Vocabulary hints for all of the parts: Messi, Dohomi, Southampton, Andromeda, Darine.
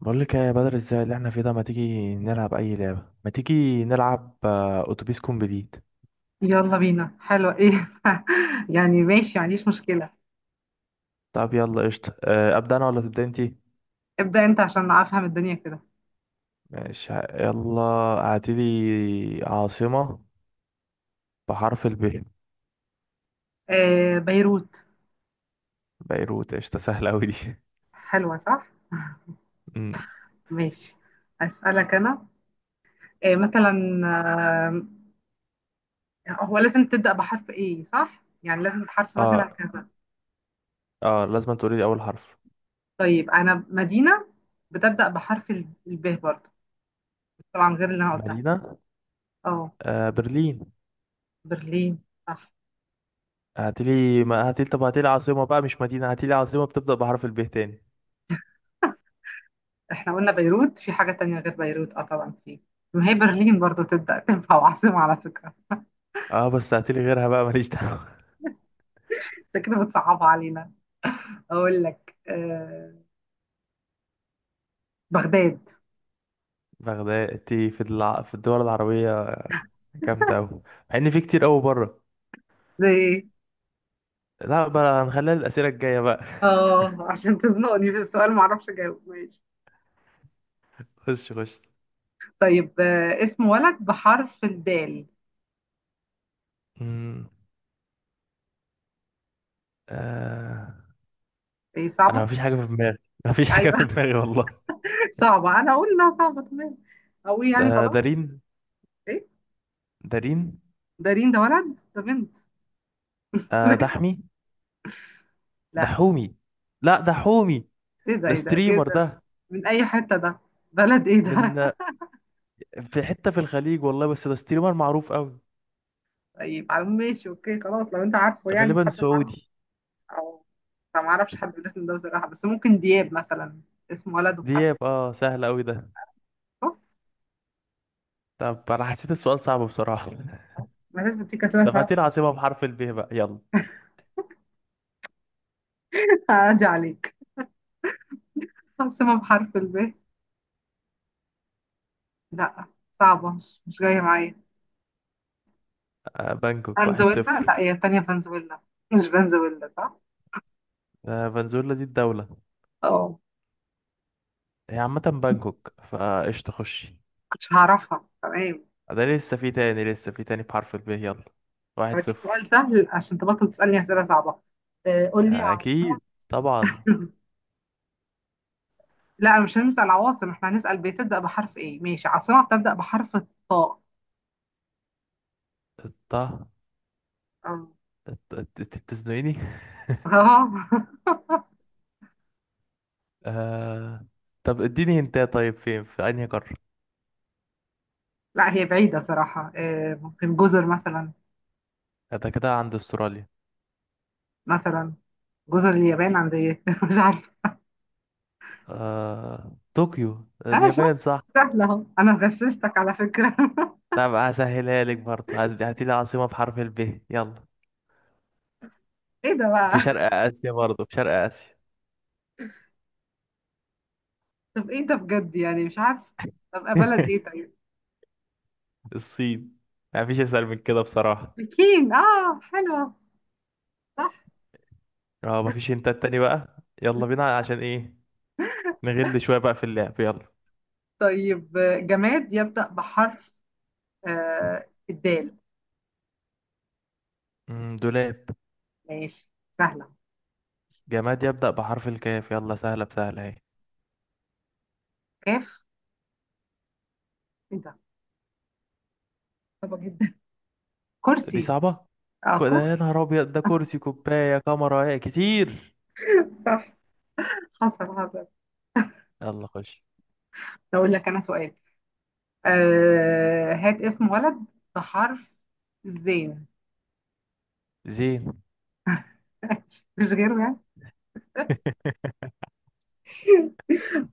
بقول لك إيه يا بدر، ازاي اللي احنا فيه ده؟ ما تيجي نلعب اي لعبه، ما تيجي نلعب، اتوبيس كومبليت. يلا بينا. حلوة ايه؟ يعني ماشي، ما عنديش مشكلة. طب يلا قشطه، ابدا انا ولا تبدا انتي؟ ابدأ انت عشان افهم الدنيا كده. ماشي، يلا. اعتلي عاصمه بحرف الب. بيروت. بيروت، قشطه، سهله قوي دي. حلوة، صح؟ أمم. ماشي. اسألك انا. مثلا. آه هو لازم تبدأ بحرف ايه صح؟ يعني لازم بحرف مثلا اه. كذا. اه لازم تقولي لي اول حرف. طيب انا مدينة بتبدأ بحرف الب برضه، طبعا غير اللي انا قلتها. مدينه. اه، آه، برلين. برلين، صح. هاتيلي، ما هاتيلي، طب هاتيلي عاصمه بقى مش مدينه، هاتيلي عاصمه بتبدا بحرف الب تاني. احنا قلنا بيروت، في حاجة تانية غير بيروت؟ اه طبعا في. ما هي برلين برضه تبدأ، تنفع، وعاصمة على فكرة. اه، بس هاتيلي غيرها بقى، ماليش دعوه. انت كده بتصعبها علينا. اقول لك، بغداد. بغداد؟ انتي في في الدول العربيه جامدة أوي، مع إن في كتير أوي بره. زي ايه؟ لا بقى، هنخليها الأسئلة الجاية بقى. اه، عشان تزنقني في السؤال ما اعرفش اجاوب. ماشي. خش خش. طيب، اسم ولد بحرف الدال. مم. آه... ايه، أنا صعبه. مفيش حاجة في دماغي، مفيش حاجة ايوه في دماغي والله. صعبه، انا اقول انها صعبه تمام. اقول يعني آه، خلاص. دارين. ايه؟ دارين. دارين ده ولد ده بنت؟ آه، دحمي. لا. دحومي. لا، دحومي. ايه ده؟ ده ايه ده ستريمر كده؟ ده. من اي حته ده؟ بلد ايه من، ده؟ في حتة في الخليج والله، بس ده ستريمر معروف أوي. طيب على العموم ماشي، اوكي خلاص لو انت عارفه يعني غالبا حد معروف. سعودي. او، أنا ما اعرفش حد بالاسم ده بصراحه، بس ممكن دياب مثلا. اسم ولد وبحرف. دياب، اه، سهل أوي ده. طب أنا حسيت السؤال صعب بصراحة. ما دام بتيجي كانت طب هاتي صعبة. العاصمة بحرف الب بقى، يلا. عادي عليك. عاصمة بحرف الب. لا، صعبة، مش جاية معايا. آه، بانكوك، واحد فنزويلا، صفر. لا هي التانية فنزويلا. مش فنزويلا صح؟ آه، فنزويلا دي الدولة. اه، هي عامة بانكوك، فايش تخشي. كنتش هعرفها، تمام. ده لسه في تاني، لسه في تاني بحرف الب، يلا. واحد هديك صفر. سؤال سهل عشان تبطل تسألني أسئلة صعبة. قول لي عاصمة. أكيد. طبعا. لا مش هنسأل عواصم، احنا هنسأل بتبدأ بحرف ايه. ماشي، عاصمة بتبدأ بحرف الطاء. الط الط- اه. انت بتزنقني. آه... طب اديني هنتايه، طيب فين؟ في أنهي قارة؟ لا هي بعيدة صراحة، ممكن جزر مثلا. ده كده عند استراليا. مثلا جزر اليابان عندي. مش عارفة. طوكيو، اه شفت، اليابان، صح. سهلة اهو، انا غششتك على فكرة. طب هسهلها لك برضه، هاتي لي عاصمة بحرف الب، يلا. ايه ده في بقى؟ شرق آسيا، برضه في شرق آسيا. طب ايه ده بجد؟ يعني مش عارف. طب بلد ايه طيب؟ الصين. مفيش أسهل من كده بصراحة. بكين، اه حلوة، صح. اه مفيش، انت التاني بقى. يلا بينا، عشان ايه نغل شوية بقى في اللعب، يلا. طيب، جماد يبدأ بحرف، الدال. دولاب. ماشي، سهلة. جماد يبدأ بحرف الكاف، يلا، سهلة بسهلة اهي. كاف. ايه ده؟ صعبة جدا. دي كرسي. صعبة. اه، ده يا كرسي، نهار ابيض، ده كرسي، كوباية، كاميرا، ايه كتير. صح. حصل حصل. يلا خش. اقول لك انا سؤال. هات اسم ولد بحرف الزين. زين. مش غيره يعني؟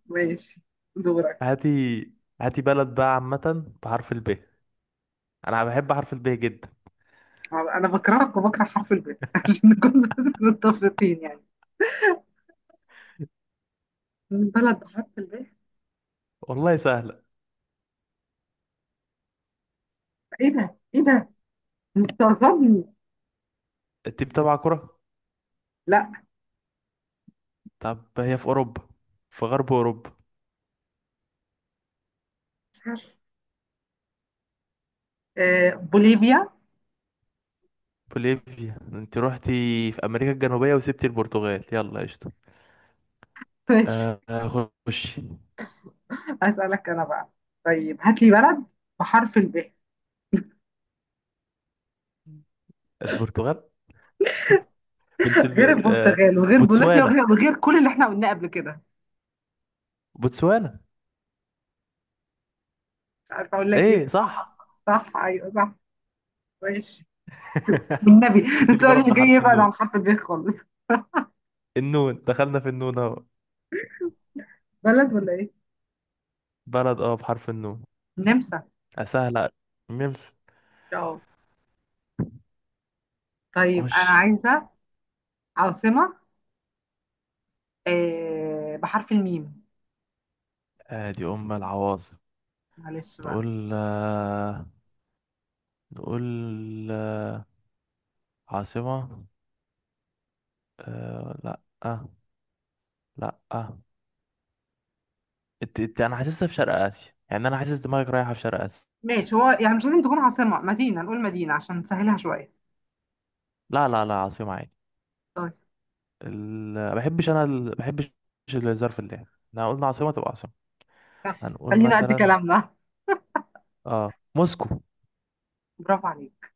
ماشي، دورك. هاتي. هاتي بلد بقى عامة بحرف الب. انا بحب حرف الب جدا. انا بكرهك وبكره حرف الباء عشان نكون بس متفقين يعني. من بلد بحرف الباء. والله سهلة. ايه ده؟ ايه ده؟ مستغربني. انت بتابع كرة؟ لا طب هي في اوروبا، في غرب اوروبا. مش عارف. بوليفيا. بوليفيا؟ انت روحتي في امريكا الجنوبية وسبتي البرتغال، يلا قشطة. ماشي، آه، خش. اسالك انا بقى. طيب هات لي بلد بحرف الباء، البرتغال. غير بنسلف، البرتغال وغير بوليفيا بوتسوانا. وغير كل اللي احنا قلناه قبل كده. بوتسوانا. مش عارفه اقول لك ايه. ايه، صح. صح؟ ايوه صح. ماشي. بالنبي هات لي السؤال بلد اللي جاي بحرف يبعد النون. عن حرف الباء خالص. النون، دخلنا في النون اهو. بلد، ولا ايه؟ بلد، اه، بحرف النون. النمسا. سهلة. نمسا. اه. طيب خش. انا عايزه عاصمه، بحرف الميم. ادي ام العواصم. معلش بقى. نقول آه، نقول آه، عاصمة، لا، لا. انا حاسسها في شرق اسيا، يعني انا حاسس دماغك رايحة في شرق اسيا. ماشي، هو يعني مش لازم تكون عاصمة، مدينة، نقول مدينة عشان نسهلها شوية. لا لا لا، عاصمة عادي. طيب. ال... ما بحبش الظرف اللام، احنا قلنا عاصمة تبقى عاصمة. يلا، هنقول خلينا قد مثلا، كلامنا. اه، موسكو. برافو عليك.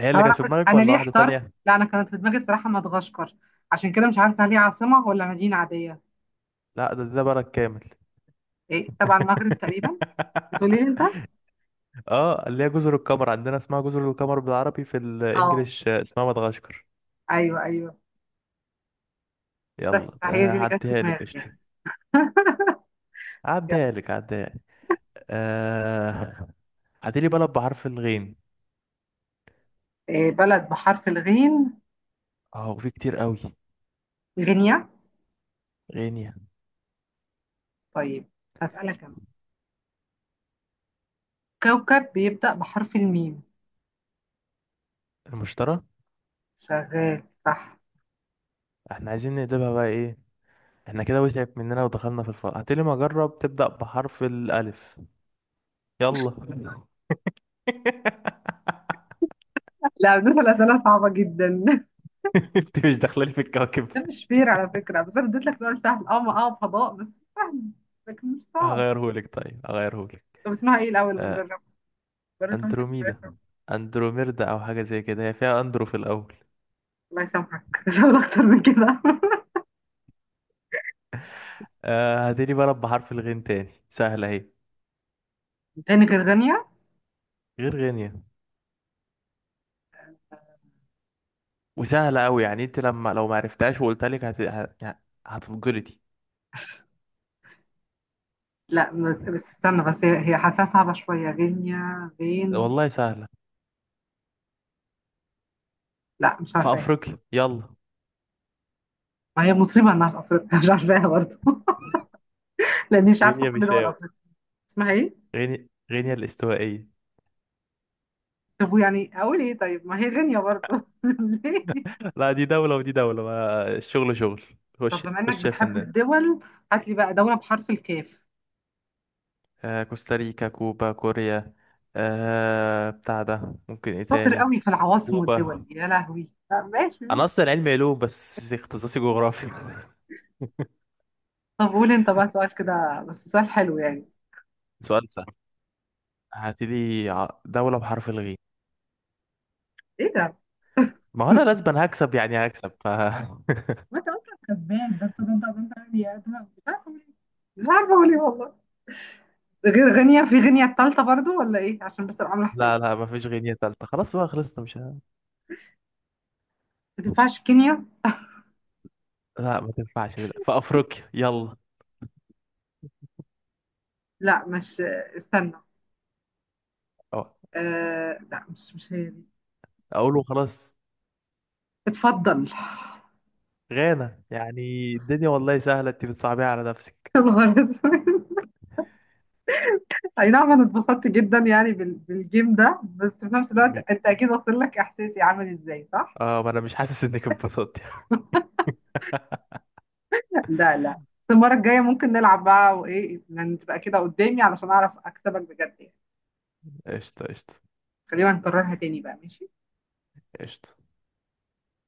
هي طب اللي انا كانت في كنت، دماغك انا ولا ليه واحدة احترت؟ تانية؟ لا انا كانت في دماغي بصراحة مدغشقر، عشان كده مش عارفة هل هي عاصمة ولا مدينة عادية. لا، ده بلد كامل. إيه، تبع المغرب تقريبا، بتقولي لي انت؟ اه، اللي هي جزر القمر، عندنا اسمها جزر القمر بالعربي، في اه. الانجليش اسمها مدغشقر. ايوه ايوه. بس يلا، فهي ده دي اللي كانت في هعديها لك دماغي قشطة. يعني. يلا. هعديها لك، هعديها لك. آه... هاتي لي بلد بحرف الغين. إيه؟ بلد بحرف الغين؟ اه، وفي كتير قوي. غينيا. غينيا. طيب، هسألك انا. كوكب بيبدأ بحرف الميم. المشترى. شغال، صح. احنا عايزين نقلبها بقى ايه؟ احنا كده وسعت مننا ودخلنا في الفرع، هتقولي ما اجرب تبدأ بحرف الالف، يلا. لا بس الأسئلة صعبة جدا. انت مش داخله لي في الكواكب. ده مش فير على فكرة، بس أنا اديت لك سؤال سهل، اه، ما اه فضاء بس، سهل، لكن مش صعب. هغيرهولك، طيب هغيرهولك. طب اسمها ايه الأول آه، المجرب؟ بني تونسي اندروميدا. عارفها؟ اندروميردا او حاجه زي كده، هي فيها اندرو في الاول. الله يسامحك مش هقول أكتر من كده. آه، هتقولي بلد بحرف الغين تاني، سهله اهي. غيني كانت غينيا. غير غينيا، وسهله قوي يعني، انت لما لو ما عرفتهاش وقلت لك هتتجلطي. لا بس، استنى، بس هي حاساها صعبة شوية، غينيا، غين. والله سهله. لا مش في عارفاها. افريقيا، يلا. ما هي مصيبة إنها في أفريقيا مش عارفاها برضه. لأني مش عارفة غينيا كل دول بيساو. أفريقيا. اسمها ايه؟ غينيا الاستوائيه. طب ويعني أقول ايه طيب؟ ما هي غينيا برضه ليه؟ لا، دي دولة ودي دولة، ما الشغل شغل. طب خش بما إنك خش يا بتحب فنان. الدول، هات لي بقى دولة بحرف الكاف. آه، كوستاريكا، كوبا، كوريا. آه، بتاع ده، ممكن ايه شاطر تاني؟ قوي في العواصم كوبا. والدول، يا لهوي. طب ماشي انا ماشي. اصلا علمي علوم بس اختصاصي جغرافي. طب قول انت بقى سؤال كده، بس سؤال حلو يعني. سؤال سهل. دولة بحرف الغين. ايه ده؟ ما هو انا لازم هكسب، يعني هكسب. ما انت اصلا كسبان، ده انت غنية. ده أنا مش عارفه اقول ايه. مش عارفه اقول ايه والله. غير غينيا؟ في غينيا التالتة برضو، ولا ايه؟ عشان بس ابقى عامله حسابي. لا لا، ما فيش غينية تالتة، خلاص بقى، خلصنا مش ه... ما تنفعش كينيا؟ لا، ما تنفعش. لا. في افريقيا، يلا. لا مش، استنى. أو- لا، مش مش هي دي. اقوله خلاص. اتفضل. غانا، يعني الدنيا والله سهلة، انت بتصعبيها على نفسك. يا نهار اسود. اي نعم انا اتبسطت جدا يعني بالجيم ده، بس في نفس الوقت انت اكيد واصل لك احساسي عامل ازاي، صح؟ اه، ما انا مش حاسس انك اتبسطت. لا لا. بس المرة الجاية ممكن نلعب بقى وإيه يعني، تبقى كده قدامي علشان أعرف أكسبك بجد يعني. قشطة قشطة. خلينا نكررها تاني بقى، ماشي. قشطة.